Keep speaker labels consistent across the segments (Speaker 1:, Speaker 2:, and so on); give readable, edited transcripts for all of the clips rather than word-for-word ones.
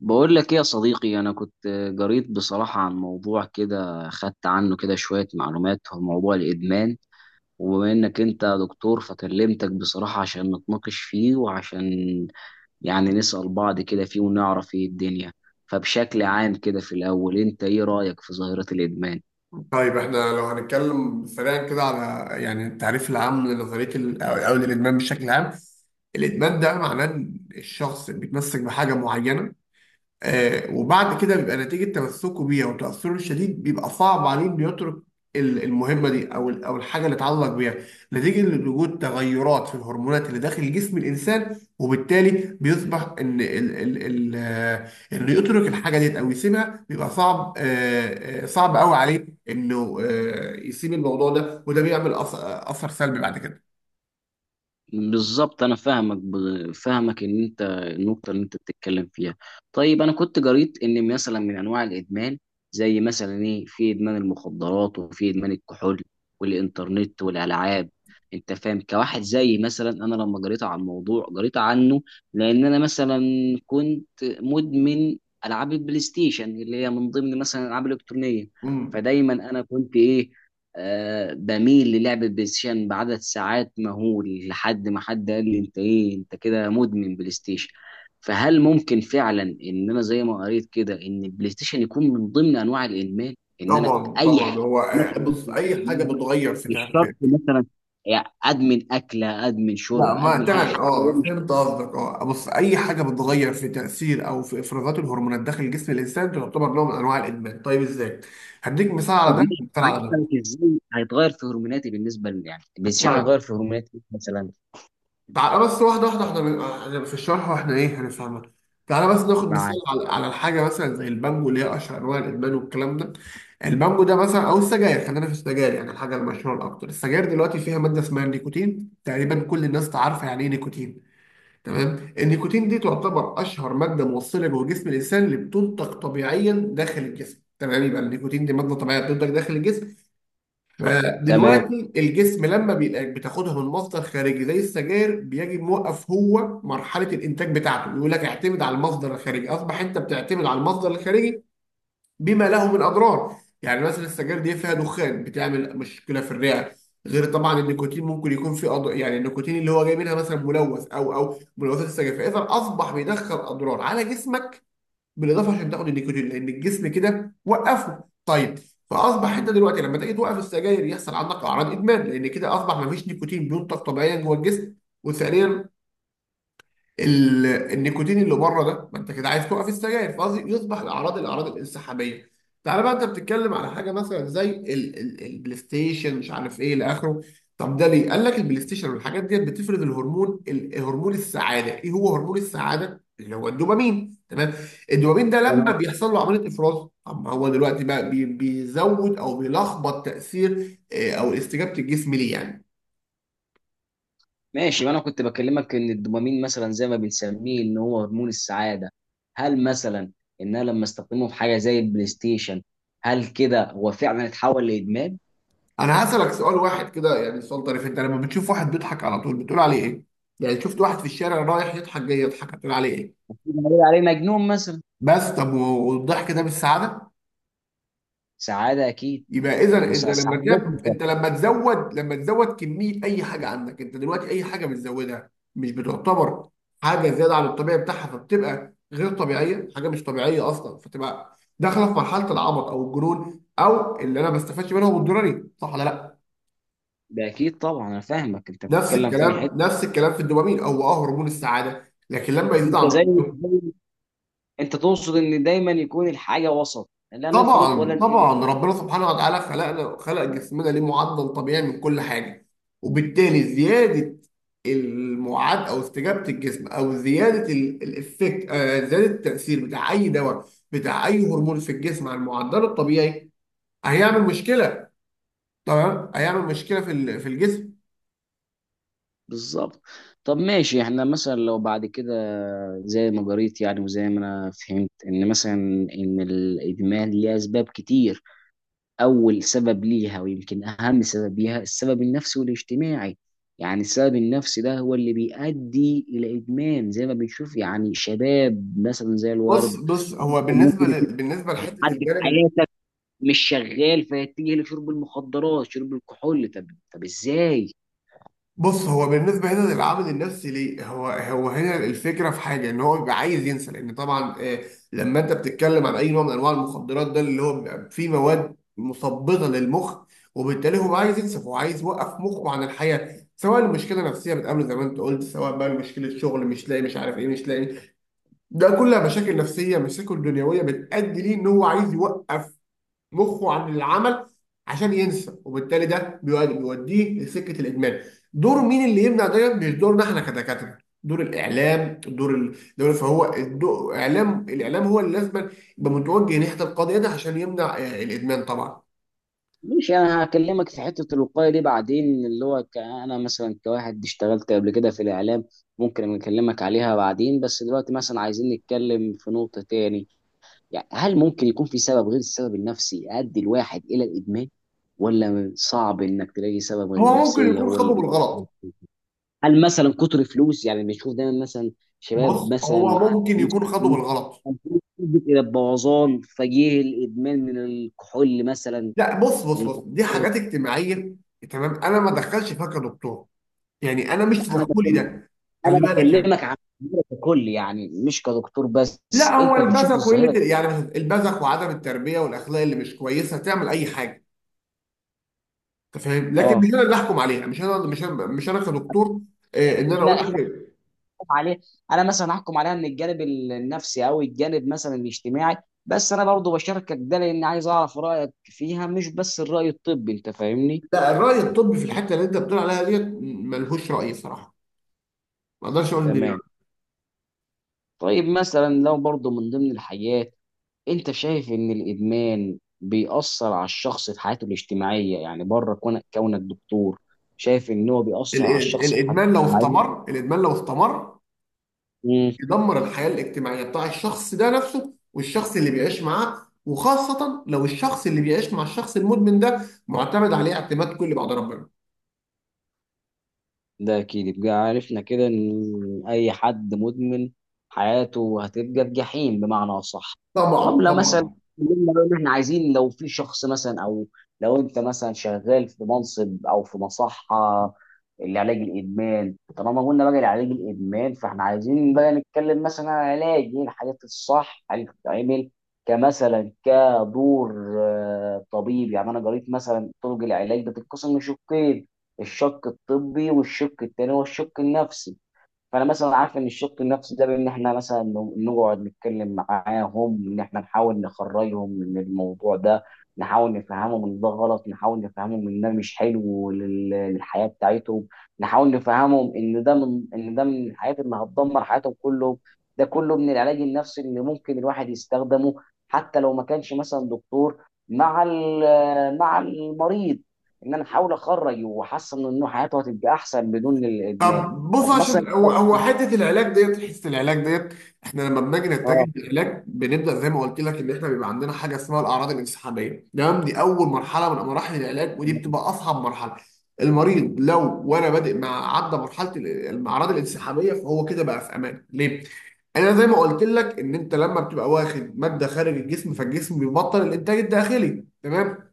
Speaker 1: بقول لك ايه يا صديقي؟ انا كنت قريت بصراحة عن موضوع كده، خدت عنه كده شوية معلومات، هو موضوع الادمان. وبما انك انت دكتور فكلمتك بصراحة عشان نتناقش فيه، وعشان يعني نسأل بعض كده فيه ونعرف ايه الدنيا. فبشكل عام كده في الاول، انت ايه رأيك في ظاهرة الادمان؟
Speaker 2: طيب احنا لو هنتكلم سريعا كده على التعريف العام لنظريه ال- او أو للادمان بشكل عام. الادمان ده معناه ان الشخص بيتمسك بحاجه معينه، وبعد كده بيبقى نتيجة تمسكه بيها وتأثره الشديد بيبقى صعب عليه إنه يترك المهمة دي أو الحاجة اللي اتعلق بيها نتيجة لوجود تغيرات في الهرمونات اللي داخل جسم الإنسان، وبالتالي بيصبح إن ال ال ال آه، إنه يترك الحاجة ديت أو يسيبها بيبقى صعب قوي عليه إنه يسيب الموضوع ده، وده بيعمل أثر سلبي بعد كده.
Speaker 1: بالظبط، انا فاهمك، فاهمك ان انت النقطه اللي انت بتتكلم فيها. طيب انا كنت قريت ان مثلا من انواع الادمان زي مثلا ايه، في ادمان المخدرات، وفي ادمان الكحول والانترنت والالعاب. انت فاهم؟ كواحد زي مثلا انا، لما قريت عن الموضوع قريت عنه لان انا مثلا كنت مدمن العاب البلاي ستيشن، اللي هي من ضمن مثلا الالعاب الالكترونيه.
Speaker 2: مم.
Speaker 1: فدايما انا كنت ايه، بميل للعب البلاي ستيشن بعدد ساعات مهول، لحد ما حد قال لي: انت ايه؟ انت كده مدمن بلاي ستيشن. فهل ممكن فعلا ان انا زي ما قريت كده ان البلاي ستيشن يكون من ضمن انواع الادمان؟ ان انا
Speaker 2: طبعا
Speaker 1: اي
Speaker 2: طبعا
Speaker 1: حاجه
Speaker 2: هو،
Speaker 1: مثلا
Speaker 2: بص
Speaker 1: ممكن
Speaker 2: أي
Speaker 1: أدمن
Speaker 2: حاجة
Speaker 1: منها؟
Speaker 2: بتغير في.
Speaker 1: مش شرط مثلا يعني ادمن اكله، ادمن
Speaker 2: لا،
Speaker 1: شرب،
Speaker 2: ما
Speaker 1: ادمن حاجه،
Speaker 2: تمام،
Speaker 1: حتى لو
Speaker 2: اه
Speaker 1: مش...
Speaker 2: فهمت قصدك. اه بص، اي حاجه بتتغير في تاثير او في افرازات الهرمونات داخل جسم الانسان تعتبر نوع من انواع الادمان. طيب ازاي؟ هديك مثال على
Speaker 1: طب
Speaker 2: ده،
Speaker 1: مش
Speaker 2: مثال على ده.
Speaker 1: معرفة ازاي هيتغير في هرموناتي بالنسبه يعني البلاي ستيشن
Speaker 2: طيب.
Speaker 1: هيغير في هرموناتي مثلا؟
Speaker 2: تعالى بس واحده واحده، احنا في الشرح واحنا ايه هنفهمها. تعالى بس ناخد
Speaker 1: مع...
Speaker 2: مثال على الحاجه مثلا زي البانجو اللي هي اشهر انواع الادمان والكلام ده. البانجو ده مثلا او السجاير، خلينا في السجاير يعني الحاجه المشهوره الاكتر. السجاير دلوقتي فيها ماده اسمها النيكوتين، تقريبا كل الناس تعرف يعني ايه نيكوتين. تمام، النيكوتين دي تعتبر اشهر ماده موصله جوه جسم الانسان، اللي بتنتج طبيعيا داخل الجسم. تمام، يبقى النيكوتين دي ماده طبيعيه بتنتج داخل الجسم.
Speaker 1: تمام.
Speaker 2: فدلوقتي الجسم لما بيلاقيك بتاخدها من مصدر خارجي زي السجاير بيجي موقف، هو مرحله الانتاج بتاعته يقول لك اعتمد على المصدر الخارجي، اصبح انت بتعتمد على المصدر الخارجي بما له من اضرار. يعني مثلا السجاير دي فيها دخان، بتعمل مشكله في الرئه. غير طبعا النيكوتين ممكن يكون في أض... يعني النيكوتين اللي هو جاي منها مثلا ملوث، او ملوثات السجاير، فاذا اصبح بيدخل اضرار على جسمك. بالاضافه عشان تاخد النيكوتين لان الجسم كده وقفه، طيب فاصبح انت دلوقتي لما تيجي توقف السجاير يحصل عندك اعراض ادمان، لان كده اصبح ما فيش نيكوتين بينتج طبيعيا جوه الجسم، وثانيا النيكوتين اللي بره ده، ما انت كده عايز توقف السجاير، فقصدي يصبح الاعراض الانسحابيه. تعالى بقى، انت بتتكلم على حاجه مثلا زي البلاي ستيشن مش عارف ايه الى اخره. طب ده ليه؟ قال لك البلاي ستيشن والحاجات ديت بتفرز الهرمون هرمون السعاده، ايه هو هرمون السعاده؟ اللي هو الدوبامين، تمام؟ الدوبامين ده لما بيحصل له عمليه افراز، طب ما هو دلوقتي بقى بيزود او بيلخبط تاثير او استجابه الجسم ليه يعني.
Speaker 1: ماشي، ما انا كنت بكلمك ان الدوبامين مثلا زي ما بنسميه ان هو هرمون السعاده. هل مثلا ان انا لما استخدمه في حاجه زي البلاي ستيشن، هل كده هو فعلا اتحول لادمان؟
Speaker 2: انا هسألك سؤال واحد كده، يعني سؤال طريف، انت لما بتشوف واحد بيضحك على طول بتقول عليه ايه؟ يعني شفت واحد في الشارع رايح يضحك جاي يضحك، هتقول عليه ايه؟
Speaker 1: بنقول عليه مجنون مثلا.
Speaker 2: بس طب، والضحك ده مش سعادة؟
Speaker 1: سعاده اكيد.
Speaker 2: يبقى اذا
Speaker 1: مس-
Speaker 2: انت لما
Speaker 1: سعاده
Speaker 2: تب...
Speaker 1: مطلقه.
Speaker 2: انت لما تزود لما تزود كمية اي حاجة عندك، انت دلوقتي اي حاجة بتزودها مش بتعتبر حاجة زيادة عن الطبيعي بتاعها، فبتبقى غير طبيعية، حاجة مش طبيعية اصلا، فتبقى داخلة في مرحلة العبط او الجنون، او اللي انا ما بستفادش منهم الضروري، صح ولا لا؟
Speaker 1: ده اكيد طبعا، انا فاهمك انت بتتكلم في أنهي حته.
Speaker 2: نفس الكلام في الدوبامين، هو اه هرمون السعاده لكن لما يزيد
Speaker 1: انت
Speaker 2: عن
Speaker 1: زي
Speaker 2: طبيعته.
Speaker 1: زي- انت تقصد ان دايما يكون الحاجه وسط، لا نفرط ولا
Speaker 2: طبعا
Speaker 1: نقل.
Speaker 2: طبعا، ربنا سبحانه وتعالى خلقنا، خلق جسمنا ليه معدل طبيعي من كل حاجه، وبالتالي زياده المعاد او استجابه الجسم او زياده الافكت، زياده التاثير بتاع اي دواء، بتاع اي هرمون في الجسم على المعدل الطبيعي، هيعمل مشكله. تمام، هيعمل مشكله في في الجسم.
Speaker 1: بالظبط. طب ماشي، احنا مثلا لو بعد كده زي ما قريت يعني، وزي ما انا فهمت ان مثلا ان الادمان ليه اسباب كتير. اول سبب ليها ويمكن اهم سبب ليها السبب النفسي والاجتماعي. يعني السبب النفسي ده هو اللي بيؤدي الى ادمان، زي ما بنشوف يعني شباب مثلا زي
Speaker 2: بص
Speaker 1: الورد
Speaker 2: بص،
Speaker 1: ممكن يكون
Speaker 2: بالنسبه لحته
Speaker 1: حد في
Speaker 2: الجانب.
Speaker 1: حياتك مش شغال، فيتجه لشرب المخدرات، شرب الكحول. طب، طب ازاي؟
Speaker 2: بص، هو بالنسبة هنا للعامل النفسي ليه، هو هنا الفكرة في حاجة ان هو بيبقى عايز ينسى، لان طبعا آه، لما انت بتتكلم عن اي نوع من انواع المخدرات، ده اللي هو بيبقى فيه مواد مثبطة للمخ، وبالتالي هو عايز ينسى، هو عايز يوقف مخه عن الحياة. سواء المشكلة نفسية بتقابله زي ما انت قلت، سواء بقى مشكلة شغل، مش لاقي، مش عارف ايه، مش لاقي، ده كلها مشاكل نفسية، مشاكل دنيوية بتأدي ليه ان هو عايز يوقف مخه عن العمل عشان ينسى، وبالتالي ده بيوديه لسكه الادمان. دور مين اللي يمنع ده؟ مش دورنا احنا كدكاتره، دور الاعلام، دور الدوله، فهو الدو- اعلام الاعلام هو اللي لازم يبقى متوجه ناحيه القضيه دي عشان يمنع الادمان طبعا.
Speaker 1: مش انا هكلمك في حته الوقايه دي بعدين، اللي هو انا مثلا كواحد اشتغلت قبل كده في الاعلام، ممكن اكلمك عليها بعدين، بس دلوقتي مثلا عايزين نتكلم في نقطه تاني. يعني هل ممكن يكون في سبب غير السبب النفسي يؤدي الواحد الى الادمان، ولا صعب انك تلاقي سبب غير
Speaker 2: هو ممكن
Speaker 1: النفسيه
Speaker 2: يكون
Speaker 1: هو اللي
Speaker 2: خده
Speaker 1: بي...؟
Speaker 2: بالغلط.
Speaker 1: هل مثلا كتر فلوس؟ يعني بنشوف دايما مثلا شباب
Speaker 2: بص،
Speaker 1: مثلا
Speaker 2: هو
Speaker 1: معاه
Speaker 2: ممكن
Speaker 1: فلوس
Speaker 2: يكون خده
Speaker 1: كتير،
Speaker 2: بالغلط.
Speaker 1: فالفلوس تؤدي الى البوظان فجيه الادمان من الكحول مثلا
Speaker 2: لا بص، دي
Speaker 1: والمخدرات.
Speaker 2: حاجات اجتماعيه، تمام. انا ما دخلش فيها كدكتور، يعني انا مش
Speaker 1: لا، انا
Speaker 2: تدخلي
Speaker 1: بتكلم،
Speaker 2: ده،
Speaker 1: انا
Speaker 2: خلي بالك يعني.
Speaker 1: بكلمك عن الظاهره ككل يعني، مش كدكتور
Speaker 2: لا
Speaker 1: بس
Speaker 2: هو
Speaker 1: انت بتشوف
Speaker 2: البذخ وقله
Speaker 1: الظاهره دي.
Speaker 2: يعني مثلا البذخ وعدم التربيه والاخلاق اللي مش كويسه تعمل اي حاجه. انت فاهم، لكن مش
Speaker 1: اه.
Speaker 2: انا اللي احكم عليها، مش انا كدكتور ان انا
Speaker 1: احنا
Speaker 2: اقول لك إيه.
Speaker 1: هنحكم عليه. انا مثلا هحكم عليها من الجانب النفسي، او الجانب مثلا الاجتماعي، بس انا برضو بشاركك ده لان عايز اعرف رايك فيها، مش بس الراي الطبي، انت فاهمني.
Speaker 2: لا، الراي الطبي في الحته اللي انت بتقول عليها ديت ملهوش راي صراحه، ما اقدرش اقول ان
Speaker 1: تمام. طيب مثلا لو برضو من ضمن الحاجات، انت شايف ان الادمان بيأثر على الشخص في حياته الاجتماعيه؟ يعني بره كونك، كونك دكتور، شايف ان هو بيأثر على الشخص في حياته
Speaker 2: الادمان لو
Speaker 1: الاجتماعيه؟
Speaker 2: استمر، الادمان لو استمر يدمر الحياه الاجتماعيه بتاع الشخص ده نفسه، والشخص اللي بيعيش معاه، وخاصه لو الشخص اللي بيعيش مع الشخص المدمن ده معتمد عليه اعتماد كلي بعد ربنا.
Speaker 1: ده اكيد. يبقى عرفنا كده ان اي حد مدمن حياته هتبقى في جحيم بمعنى اصح. طب
Speaker 2: طبعا
Speaker 1: لو مثلا
Speaker 2: طبعا.
Speaker 1: قلنا بقى ان احنا عايزين، لو في شخص مثلا، او لو انت مثلا شغال في منصب او في مصحه لعلاج الادمان، طالما قلنا بقى لعلاج الادمان، فاحنا عايزين بقى نتكلم مثلا عن علاج ايه الحاجات الصح اللي بتتعمل كمثلا كدور طبيب. يعني انا قريت مثلا طرق العلاج بتتقسم لشقين: الشق الطبي، والشق التاني هو الشق النفسي. فانا مثلا عارف ان الشق النفسي ده بان احنا مثلا نقعد نتكلم معاهم ان احنا نحاول نخرجهم من الموضوع ده، نحاول نفهمهم ان ده غلط، نحاول نفهمهم ان ده مش حلو للحياه بتاعتهم، نحاول نفهمهم ان ده من، ان ده من الحاجات اللي هتدمر حياتهم كلهم. ده كله من العلاج النفسي اللي ممكن الواحد يستخدمه حتى لو ما كانش مثلا دكتور مع مع المريض، ان انا احاول اخرج واحسن انه حياته هتبقى احسن بدون الادمان.
Speaker 2: طب بص،
Speaker 1: طب مثلا...
Speaker 2: عشان هو حته العلاج ديت، حته العلاج ديت، احنا لما بنيجي نتجه
Speaker 1: اه.
Speaker 2: للعلاج بنبدا زي ما قلت لك، ان احنا بيبقى عندنا حاجه اسمها الاعراض الانسحابيه، تمام، دي اول مرحله من مراحل العلاج، ودي بتبقى اصعب مرحله. المريض لو وانا بادئ مع عدى مرحله الاعراض الانسحابيه، فهو كده بقى في امان. ليه؟ انا زي ما قلت لك، ان انت لما بتبقى واخد ماده خارج الجسم فالجسم بيبطل الانتاج الداخلي، تمام.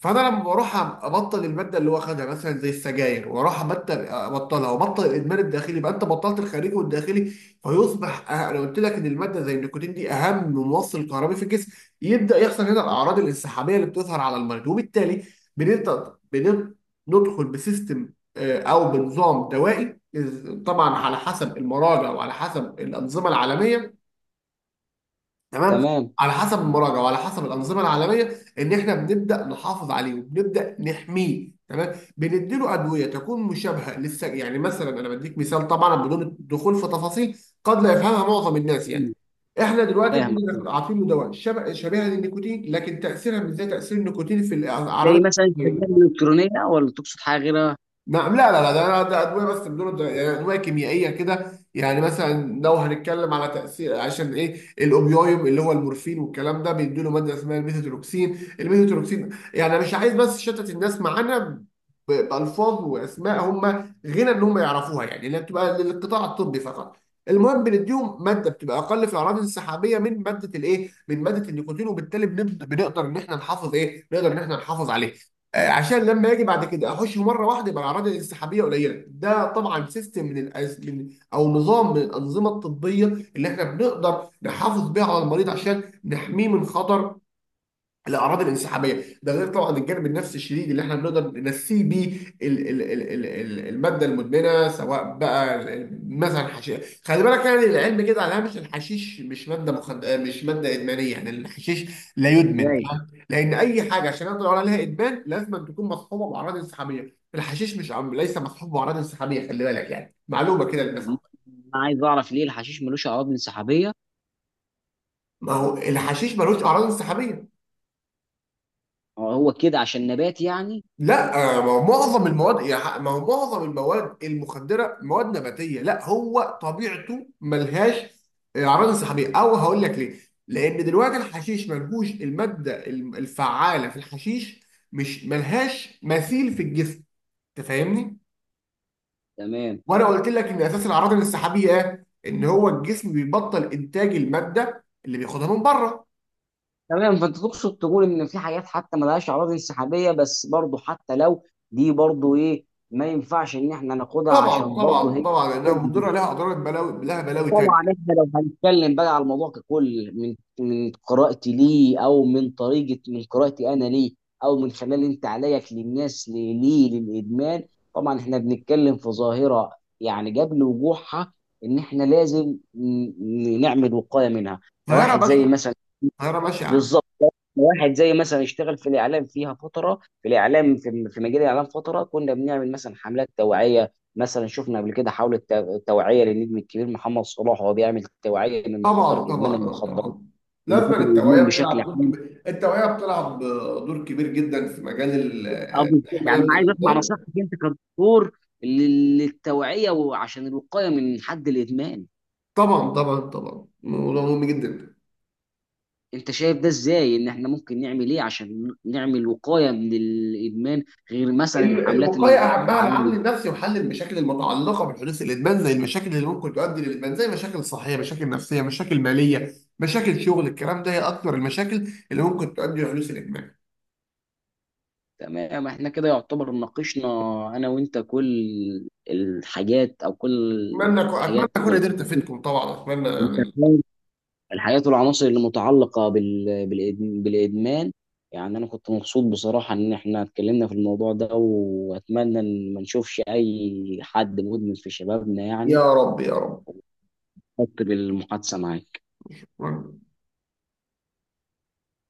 Speaker 2: فانا لما بروح ابطل الماده اللي هو خدها مثلا زي السجاير، واروح ابطل ابطلها وابطل الادمان الداخلي، يبقى انت بطلت الخارجي والداخلي. فيصبح انا قلت لك ان الماده زي النيكوتين دي اهم موصل كهربي في الجسم، يبدا يحصل هنا الاعراض الانسحابيه اللي بتظهر على المريض، وبالتالي بنبدا بنب- ندخل بسيستم، او بنظام دوائي طبعا على حسب المراجع وعلى حسب الانظمه العالميه، تمام.
Speaker 1: تمام.
Speaker 2: على حسب المراجعه وعلى حسب الانظمه العالميه، ان احنا بنبدا نحافظ عليه، وبنبدا نحميه. تمام، بنديله ادويه تكون مشابهه للس، يعني مثلا انا بديك مثال طبعا بدون الدخول في تفاصيل قد لا يفهمها معظم الناس يعني.
Speaker 1: مم.
Speaker 2: احنا دلوقتي
Speaker 1: فاهم.
Speaker 2: بنقول إحنا عاطين له دواء شبيهه للنيكوتين، لكن تاثيرها مش زي تاثير النيكوتين في الاعراض
Speaker 1: زي مثلا السجاير
Speaker 2: الجسدية.
Speaker 1: الالكترونيه، ولا تقصد حاجه غيرها؟
Speaker 2: نعم، لا ده ده ادويه بس بدون يعني ادويه كيميائيه كده، يعني مثلا لو هنتكلم على تاثير، عشان ايه الاوبيويد اللي هو المورفين والكلام ده بيدوا له ماده اسمها الميثوتروكسين، الميثوتروكسين، يعني انا مش عايز بس شتت الناس معانا بالفاظ واسماء هم غنى ان هم يعرفوها، يعني اللي بتبقى للقطاع الطبي فقط. المهم بنديهم ماده بتبقى اقل في الاعراض الانسحابيه من ماده الايه، من ماده النيكوتين، وبالتالي بنقدر ان احنا نحافظ ايه، نقدر ان احنا نحافظ عليها، عشان لما اجي بعد كده اخش مره واحده يبقى الاعراض الانسحابيه قليله. ده طبعا سيستم من الأز... من، او نظام من الانظمه الطبيه اللي احنا بنقدر نحافظ بيه على المريض عشان نحميه من خطر الاعراض الانسحابيه. ده غير طبعا الجانب النفسي الشديد اللي احنا بنقدر ننسيه بيه الماده المدمنه، سواء بقى مثلا حشيش. خلي بالك يعني، العلم كده على هامش، الحشيش مش ماده مخد... مش ماده ادمانيه يعني، الحشيش لا يدمن،
Speaker 1: ازاي؟
Speaker 2: تمام؟ لان اي حاجه عشان نقدر نقول عليها ادمان لازم أن تكون مصحوبه باعراض انسحابيه، الحشيش مش عم... ليس مصحوب باعراض انسحابيه، خلي بالك يعني، معلومه كده
Speaker 1: طب
Speaker 2: للناس عامة.
Speaker 1: انا عايز اعرف ليه الحشيش ملوش عوامل انسحابيه؟
Speaker 2: ما هو الحشيش ملوش اعراض انسحابيه.
Speaker 1: هو هو كده عشان نبات يعني؟
Speaker 2: لا، ما هو معظم المواد يا ما هو معظم المواد المخدره مواد نباتيه، لا هو طبيعته ملهاش اعراض انسحابيه، او هقول لك ليه. لان دلوقتي الحشيش ملهوش الماده الفعاله في الحشيش، مش ملهاش مثيل في الجسم، انت فاهمني.
Speaker 1: تمام.
Speaker 2: وانا قلت لك ان اساس الاعراض الانسحابيه ايه؟ ان هو الجسم بيبطل انتاج الماده اللي بياخدها من بره.
Speaker 1: تمام، فانت تقصد تقول ان في حاجات حتى ملهاش عوامل انسحابيه، بس برضه حتى لو دي، برضه ايه، ما ينفعش ان احنا ناخدها
Speaker 2: طبعا
Speaker 1: عشان برضه
Speaker 2: طبعا
Speaker 1: هي...
Speaker 2: طبعا، لانها مضره، لها اضرار، بلاوي، لها بلاوي
Speaker 1: طبعا.
Speaker 2: تانيه.
Speaker 1: احنا لو هنتكلم بقى على الموضوع ككل، من من قراءتي ليه، او من طريقه، من قراءتي انا ليه، او من خلال انت عليك للناس ليه، ليه للادمان، طبعا احنا بنتكلم في ظاهره يعني قبل وقوعها ان احنا لازم نعمل وقايه منها.
Speaker 2: ظاهره
Speaker 1: كواحد زي
Speaker 2: بشعه،
Speaker 1: مثلا...
Speaker 2: ظاهره بشعه.
Speaker 1: بالظبط. واحد زي مثلا اشتغل في الاعلام فيها فتره، في الاعلام، في في مجال الاعلام فتره، كنا بنعمل مثلا حملات توعيه. مثلا شفنا قبل كده حاولة توعيه للنجم الكبير محمد صلاح، وهو بيعمل توعيه من خطر
Speaker 2: طبعا
Speaker 1: ادمان
Speaker 2: طبعا،
Speaker 1: المخدرات
Speaker 2: طبعا، لازم
Speaker 1: ومخاطر
Speaker 2: التوعيه
Speaker 1: الادمان بشكل
Speaker 2: بتلعب دور
Speaker 1: عام.
Speaker 2: كبير، التوعيه بتلعب دور كبير جدا في مجال ال-
Speaker 1: بالظبط.
Speaker 2: الحمايه من
Speaker 1: يعني انا عايز اسمع
Speaker 2: الامراض.
Speaker 1: نصيحتك انت كدكتور للتوعيه وعشان الوقايه من حد الادمان.
Speaker 2: طبعا طبعا طبعا، موضوع مهم جدا.
Speaker 1: انت شايف ده ازاي، ان احنا ممكن نعمل ايه عشان نعمل وقايه من الادمان غير مثلا الحملات
Speaker 2: الوقايه اهمها
Speaker 1: التوعيه؟
Speaker 2: العامل النفسي وحل المشاكل المتعلقه بحدوث الادمان، زي المشاكل اللي ممكن تؤدي للادمان، زي مشاكل صحيه، مشاكل نفسيه، مشاكل ماليه، مشاكل شغل، الكلام ده هي اكثر المشاكل اللي ممكن تؤدي لحدوث الادمان.
Speaker 1: تمام، احنا كده يعتبر ناقشنا انا وانت كل الحاجات، او كل
Speaker 2: اتمنى
Speaker 1: الحاجات
Speaker 2: اكون قدرت افيدكم طبعا، اتمنى
Speaker 1: انت
Speaker 2: يعني.
Speaker 1: فاهم، الحاجات والعناصر اللي متعلقة بالادمان. يعني انا كنت مبسوط بصراحة ان احنا اتكلمنا في الموضوع ده، واتمنى ان ما نشوفش اي حد مدمن في شبابنا يعني.
Speaker 2: يا رب يا
Speaker 1: مبسوط بالمحادثة معاك.
Speaker 2: رب.